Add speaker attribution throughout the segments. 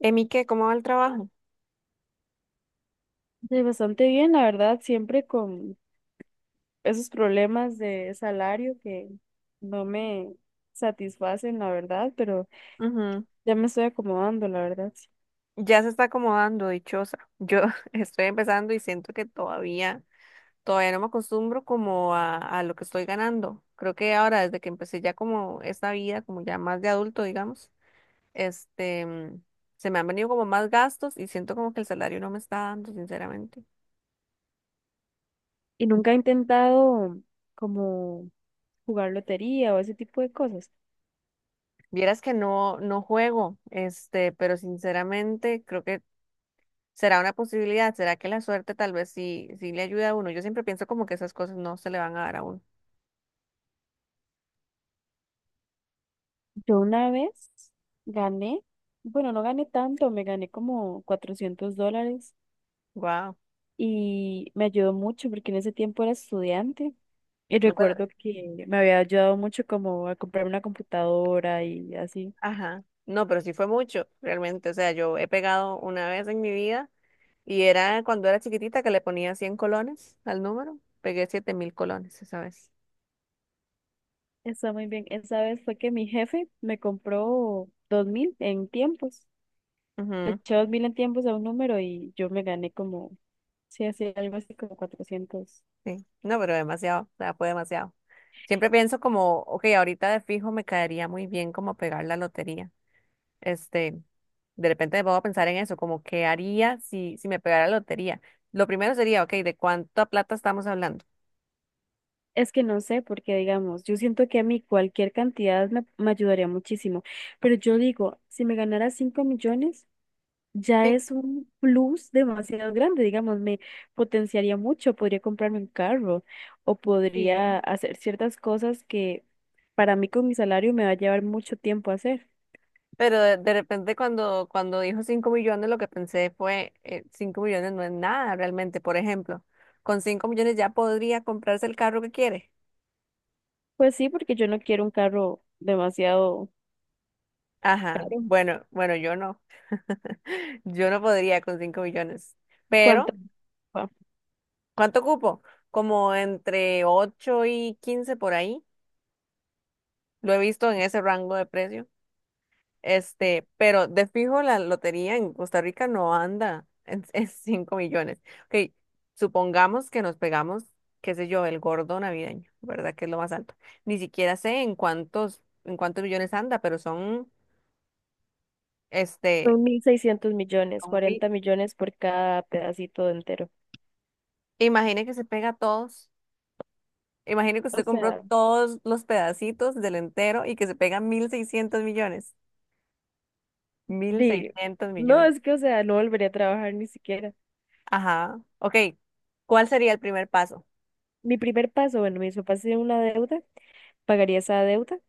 Speaker 1: Emi, ¿qué? ¿Cómo va el trabajo?
Speaker 2: Sí, bastante bien, la verdad, siempre con esos problemas de salario que no me satisfacen, la verdad, pero
Speaker 1: Ujú.
Speaker 2: ya me estoy acomodando, la verdad. Sí.
Speaker 1: Ya se está acomodando, dichosa. Yo estoy empezando y siento que todavía no me acostumbro como a lo que estoy ganando. Creo que ahora, desde que empecé ya como esta vida, como ya más de adulto, digamos, este, mm, se me han venido como más gastos y siento como que el salario no me está dando, sinceramente.
Speaker 2: Y nunca he intentado como jugar lotería o ese tipo de cosas.
Speaker 1: Vieras que no, no juego, pero sinceramente creo que será una posibilidad, será que la suerte tal vez sí, sí le ayuda a uno. Yo siempre pienso como que esas cosas no se le van a dar a uno.
Speaker 2: Yo una vez gané, bueno, no gané tanto, me gané como $400
Speaker 1: Wow,
Speaker 2: y me ayudó mucho porque en ese tiempo era estudiante. Y
Speaker 1: no, pero,
Speaker 2: recuerdo que me había ayudado mucho como a comprar una computadora y así.
Speaker 1: ajá, no, pero sí fue mucho, realmente, o sea, yo he pegado una vez en mi vida y era cuando era chiquitita que le ponía 100 colones al número, pegué 7.000 colones esa vez.
Speaker 2: Está muy bien. Esa vez fue que mi jefe me compró 2000 en tiempos. Le
Speaker 1: Ujú,
Speaker 2: eché 2000 en tiempos a un número y yo me gané como, sí, así, algo así como 400.
Speaker 1: sí, no, pero demasiado, o sea, fue demasiado. Siempre pienso como, ok, ahorita de fijo me caería muy bien como pegar la lotería. Este, de repente me pongo a pensar en eso, como qué haría si me pegara la lotería. Lo primero sería, ok, ¿de cuánta plata estamos hablando?
Speaker 2: Es que no sé, porque digamos, yo siento que a mí cualquier cantidad me ayudaría muchísimo. Pero yo digo, si me ganara 5 millones, ya
Speaker 1: Sí.
Speaker 2: es un plus demasiado grande. Digamos, me potenciaría mucho. Podría comprarme un carro o
Speaker 1: Sí.
Speaker 2: podría hacer ciertas cosas que para mí con mi salario me va a llevar mucho tiempo hacer.
Speaker 1: Pero de repente cuando dijo 5 millones, lo que pensé fue, 5 millones no es nada realmente. Por ejemplo, con 5 millones ya podría comprarse el carro que quiere.
Speaker 2: Pues sí, porque yo no quiero un carro demasiado
Speaker 1: Ajá,
Speaker 2: caro.
Speaker 1: bueno, bueno, yo no. Yo no podría con 5 millones.
Speaker 2: ¿Cuánto
Speaker 1: Pero,
Speaker 2: va?
Speaker 1: ¿cuánto ocupo? Como entre 8 y 15 por ahí. Lo he visto en ese rango de precio. Pero de fijo la lotería en Costa Rica no anda en 5 millones. Ok, supongamos que nos pegamos, qué sé yo, el gordo navideño, ¿verdad? Que es lo más alto. Ni siquiera sé en cuántos millones anda. pero son, este,
Speaker 2: Son 1.600 millones,
Speaker 1: son mi-
Speaker 2: 40 millones por cada pedacito entero.
Speaker 1: imagine que se pega todos. Imagine que
Speaker 2: O
Speaker 1: usted compró
Speaker 2: sea,
Speaker 1: todos los pedacitos del entero y que se pega 1.600 millones. mil
Speaker 2: di,
Speaker 1: seiscientos
Speaker 2: no,
Speaker 1: millones.
Speaker 2: es que, o sea, no volvería a trabajar ni siquiera.
Speaker 1: Ajá. Ok, ¿cuál sería el primer paso?
Speaker 2: Mi primer paso, bueno, mis papás tienen una deuda, pagaría esa deuda,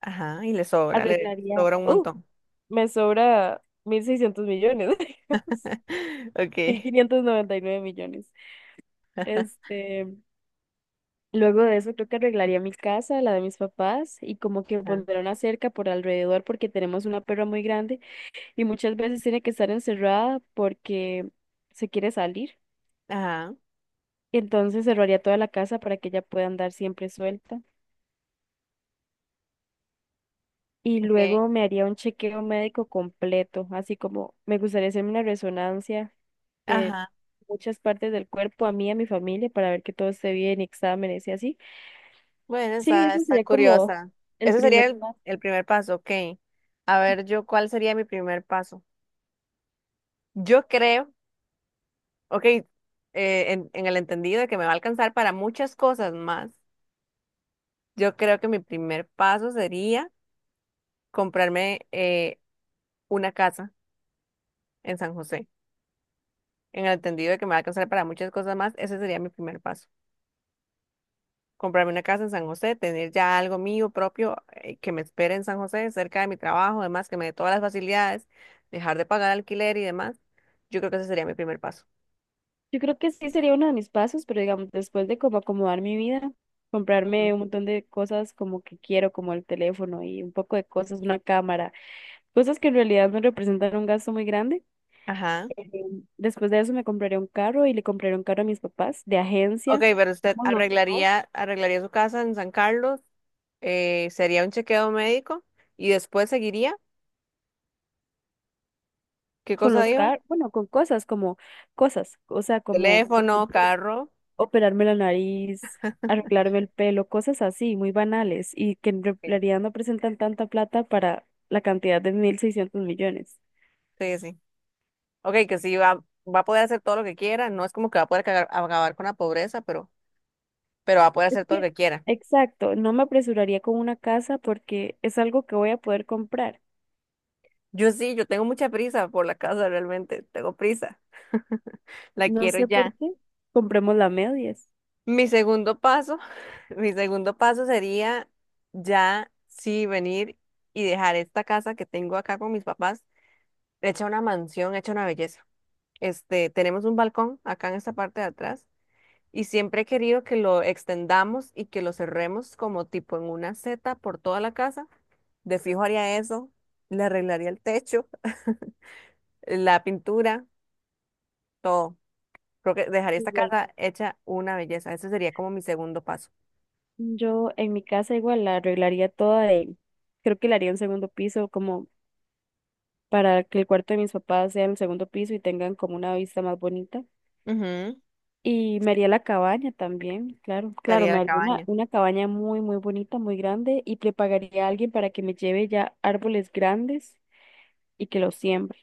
Speaker 1: Ajá, y le sobra, le
Speaker 2: arreglaría,
Speaker 1: sobra un montón.
Speaker 2: me sobra 1.600 millones, digamos,
Speaker 1: Ok.
Speaker 2: 1.599 millones. Este, Luego de eso creo que arreglaría mi casa, la de mis papás, y como que
Speaker 1: Ajá,
Speaker 2: pondré una cerca por alrededor porque tenemos una perra muy grande y muchas veces tiene que estar encerrada porque se quiere salir.
Speaker 1: ajá,
Speaker 2: Entonces cerraría toda la casa para que ella pueda andar siempre suelta. Y
Speaker 1: ok.
Speaker 2: luego me haría un chequeo médico completo, así como me gustaría hacerme una resonancia de
Speaker 1: Ajá.
Speaker 2: muchas partes del cuerpo, a mí y a mi familia, para ver que todo esté bien, exámenes y así.
Speaker 1: Bueno,
Speaker 2: Sí,
Speaker 1: está,
Speaker 2: eso
Speaker 1: está
Speaker 2: sería como
Speaker 1: curiosa.
Speaker 2: el
Speaker 1: Ese sería
Speaker 2: primer
Speaker 1: el,
Speaker 2: paso.
Speaker 1: el primer paso, ok. A ver, yo, ¿cuál sería mi primer paso? Yo creo, ok, en el entendido de que me va a alcanzar para muchas cosas más, yo creo que mi primer paso sería comprarme una casa en San José. En el entendido de que me va a alcanzar para muchas cosas más, ese sería mi primer paso. Comprarme una casa en San José, tener ya algo mío propio que me espere en San José, cerca de mi trabajo, además que me dé todas las facilidades, dejar de pagar alquiler y demás. Yo creo que ese sería mi primer paso.
Speaker 2: Yo creo que sí sería uno de mis pasos, pero digamos, después de como acomodar mi vida,
Speaker 1: Ujú.
Speaker 2: comprarme un montón de cosas como que quiero, como el teléfono y un poco de cosas, una cámara, cosas que en realidad me representan un gasto muy grande.
Speaker 1: Ajá.
Speaker 2: eh, Después de eso me compraré un carro y le compraré un carro a mis papás de
Speaker 1: Ok,
Speaker 2: agencia,
Speaker 1: pero usted
Speaker 2: digamos los dos,
Speaker 1: arreglaría su casa en San Carlos, sería un chequeo médico y después seguiría. ¿Qué
Speaker 2: con
Speaker 1: cosa
Speaker 2: los
Speaker 1: dijo?
Speaker 2: car, bueno, con cosas como cosas, o sea, como por
Speaker 1: Teléfono,
Speaker 2: ejemplo
Speaker 1: carro.
Speaker 2: operarme la nariz, arreglarme el pelo, cosas así, muy banales, y que en
Speaker 1: Sí.
Speaker 2: realidad no presentan tanta plata para la cantidad de 1.600 millones.
Speaker 1: Sí, sí. Ok, que sí va a poder hacer todo lo que quiera. No es como que va a poder acabar con la pobreza, pero va a poder
Speaker 2: Es
Speaker 1: hacer todo lo
Speaker 2: que,
Speaker 1: que quiera.
Speaker 2: exacto, no me apresuraría con una casa porque es algo que voy a poder comprar.
Speaker 1: Yo sí, yo tengo mucha prisa por la casa realmente, tengo prisa. La
Speaker 2: No
Speaker 1: quiero
Speaker 2: sé por
Speaker 1: ya.
Speaker 2: qué. Compremos la medias.
Speaker 1: Mi segundo paso, Mi segundo paso sería ya sí venir y dejar esta casa que tengo acá con mis papás, hecha una mansión, hecha una belleza. Tenemos un balcón acá en esta parte de atrás y siempre he querido que lo extendamos y que lo cerremos como tipo en una seta por toda la casa. De fijo haría eso, le arreglaría el techo, la pintura, todo. Creo que dejaría esta
Speaker 2: Igual.
Speaker 1: casa hecha una belleza. Ese sería como mi segundo paso.
Speaker 2: Yo en mi casa igual la arreglaría toda y creo que la haría un segundo piso como para que el cuarto de mis papás sea en el segundo piso y tengan como una vista más bonita.
Speaker 1: Ujú.
Speaker 2: Y me haría la cabaña también, claro, claro,
Speaker 1: Sería
Speaker 2: me
Speaker 1: la
Speaker 2: haría
Speaker 1: cabaña.
Speaker 2: una cabaña muy, muy bonita, muy grande y le pagaría a alguien para que me lleve ya árboles grandes y que los siembre.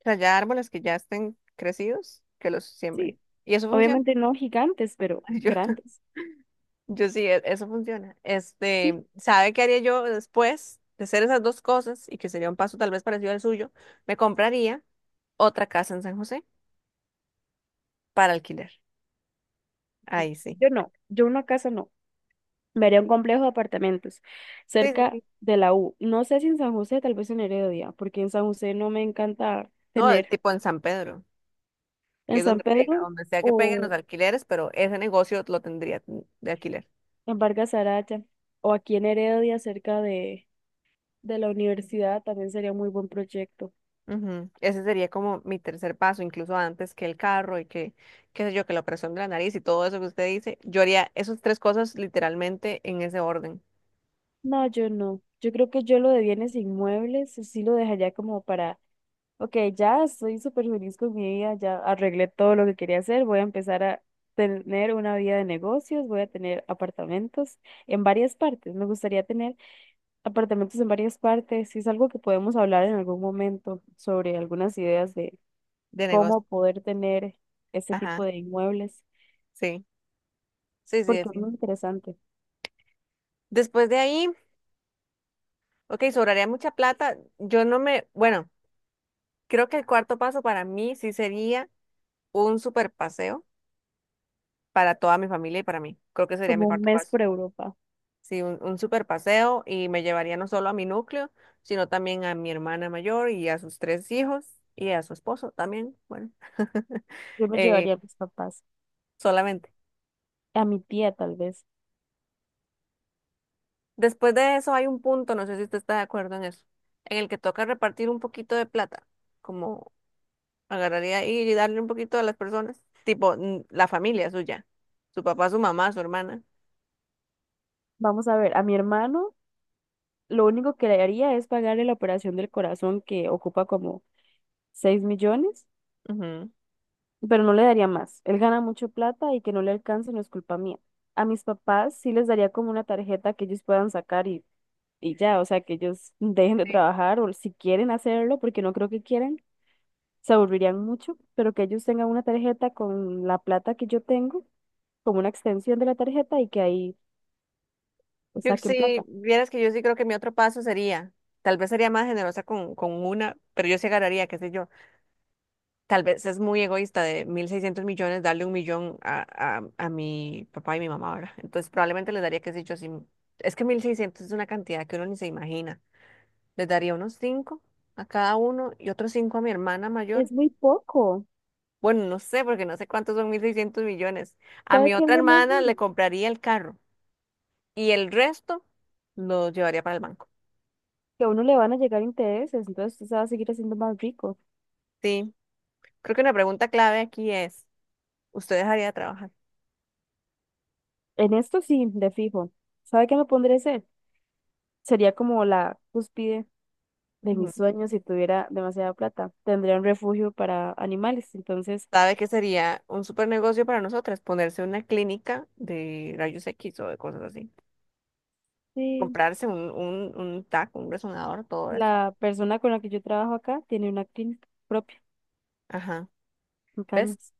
Speaker 1: O sea, ya árboles que ya estén crecidos, que los siembren.
Speaker 2: Sí,
Speaker 1: Y eso funciona.
Speaker 2: obviamente no gigantes, pero
Speaker 1: Yo,
Speaker 2: grandes.
Speaker 1: yo sí, eso funciona.
Speaker 2: Sí,
Speaker 1: ¿Sabe qué haría yo después de hacer esas dos cosas? Y que sería un paso tal vez parecido al suyo. Me compraría otra casa en San José para alquiler. Ahí sí.
Speaker 2: yo no, yo una casa no. Me haría un complejo de apartamentos
Speaker 1: Sí, sí,
Speaker 2: cerca
Speaker 1: sí.
Speaker 2: de la U. No sé si en San José, tal vez en Heredia, porque en San José no me encanta
Speaker 1: No,
Speaker 2: tener
Speaker 1: tipo en San Pedro, que
Speaker 2: en
Speaker 1: es
Speaker 2: San
Speaker 1: donde pega,
Speaker 2: Pedro
Speaker 1: donde sea que peguen los
Speaker 2: o
Speaker 1: alquileres, pero ese negocio lo tendría de alquiler.
Speaker 2: en Vargas Araya o aquí en Heredia cerca de la universidad también sería muy buen proyecto.
Speaker 1: Ujú. Ese sería como mi tercer paso, incluso antes que el carro y que, qué sé yo, que la operación de la nariz y todo eso que usted dice. Yo haría esas tres cosas literalmente en ese orden
Speaker 2: No, yo no. Yo creo que yo lo de bienes inmuebles sí lo dejaría como para, ok, ya estoy súper feliz con mi vida, ya arreglé todo lo que quería hacer, voy a empezar a tener una vida de negocios, voy a tener apartamentos en varias partes. Me gustaría tener apartamentos en varias partes. Y es algo que podemos hablar en algún momento sobre algunas ideas de
Speaker 1: de negocio.
Speaker 2: cómo poder tener este
Speaker 1: Ajá,
Speaker 2: tipo de inmuebles,
Speaker 1: sí, sí, sí,
Speaker 2: porque es muy
Speaker 1: sí.
Speaker 2: interesante,
Speaker 1: Después de ahí, ok, sobraría mucha plata. Yo no me, bueno, creo que el cuarto paso para mí sí sería un super paseo para toda mi familia y para mí. Creo que sería mi
Speaker 2: como un
Speaker 1: cuarto
Speaker 2: mes
Speaker 1: paso.
Speaker 2: por Europa.
Speaker 1: Sí, un super paseo y me llevaría no solo a mi núcleo, sino también a mi hermana mayor y a sus tres hijos y a su esposo también, bueno,
Speaker 2: Yo me
Speaker 1: eh,
Speaker 2: llevaría a mis papás,
Speaker 1: solamente.
Speaker 2: a mi tía tal vez.
Speaker 1: Después de eso hay un punto, no sé si usted está de acuerdo en eso, en el que toca repartir un poquito de plata, como agarraría ahí y darle un poquito a las personas, tipo la familia suya, su papá, su mamá, su hermana.
Speaker 2: Vamos a ver, a mi hermano, lo único que le haría es pagarle la operación del corazón que ocupa como 6 millones,
Speaker 1: Ujú.
Speaker 2: pero no le daría más. Él gana mucho plata y que no le alcance no es culpa mía. A mis papás sí les daría como una tarjeta que ellos puedan sacar y ya, o sea, que ellos dejen de trabajar o si quieren hacerlo, porque no creo que quieran, se aburrirían mucho, pero que ellos tengan una tarjeta con la plata que yo tengo, como una extensión de la tarjeta y que ahí pues,
Speaker 1: Yo
Speaker 2: saquen
Speaker 1: sí,
Speaker 2: plata.
Speaker 1: vieras que yo sí creo que mi otro paso sería, tal vez sería más generosa con una, pero yo sí agarraría, qué sé yo, tal vez es muy egoísta de 1.600 millones darle un millón a mi papá y mi mamá ahora. Entonces probablemente les daría, qué sé yo, así, es que 1.600 es una cantidad que uno ni se imagina. Les daría unos cinco a cada uno y otros cinco a mi hermana mayor.
Speaker 2: Es muy poco.
Speaker 1: Bueno, no sé, porque no sé cuántos son 1.600 millones. A
Speaker 2: ¿Sabe
Speaker 1: mi
Speaker 2: qué es
Speaker 1: otra
Speaker 2: lo
Speaker 1: hermana le
Speaker 2: mejor?
Speaker 1: compraría el carro y el resto lo llevaría para el banco.
Speaker 2: Que a uno le van a llegar intereses, entonces usted se va a seguir haciendo más rico.
Speaker 1: Sí, creo que una pregunta clave aquí es, ¿usted dejaría de trabajar?
Speaker 2: En esto sí, de fijo. ¿Sabe qué me pondré a hacer? Sería como la cúspide de
Speaker 1: Ujú.
Speaker 2: mis sueños si tuviera demasiada plata. Tendría un refugio para animales. Entonces,
Speaker 1: ¿Sabe que sería un super negocio para nosotras? Ponerse una clínica de rayos X o de cosas así.
Speaker 2: sí,
Speaker 1: Comprarse un TAC, un resonador, todo eso.
Speaker 2: la persona con la que yo trabajo acá tiene una clínica propia
Speaker 1: Ajá.
Speaker 2: en
Speaker 1: ¿Ves?
Speaker 2: Cañas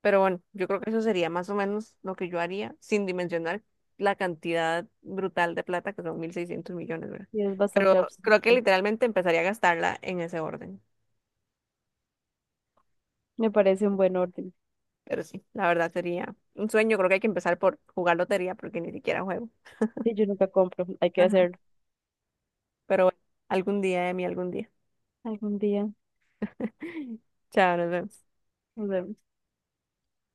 Speaker 1: Pero bueno, yo creo que eso sería más o menos lo que yo haría, sin dimensionar la cantidad brutal de plata, que son 1.600 millones, ¿verdad?
Speaker 2: y es
Speaker 1: Pero
Speaker 2: bastante absurdo.
Speaker 1: creo que literalmente empezaría a gastarla en ese orden.
Speaker 2: Me parece un buen orden.
Speaker 1: Pero sí, la verdad sería un sueño. Creo que hay que empezar por jugar lotería, porque ni siquiera juego.
Speaker 2: Sí, yo nunca compro, hay que
Speaker 1: Ajá.
Speaker 2: hacerlo
Speaker 1: Pero bueno, algún día, Emi, algún día.
Speaker 2: algún día.
Speaker 1: Chao, nos vemos.
Speaker 2: Nos vemos.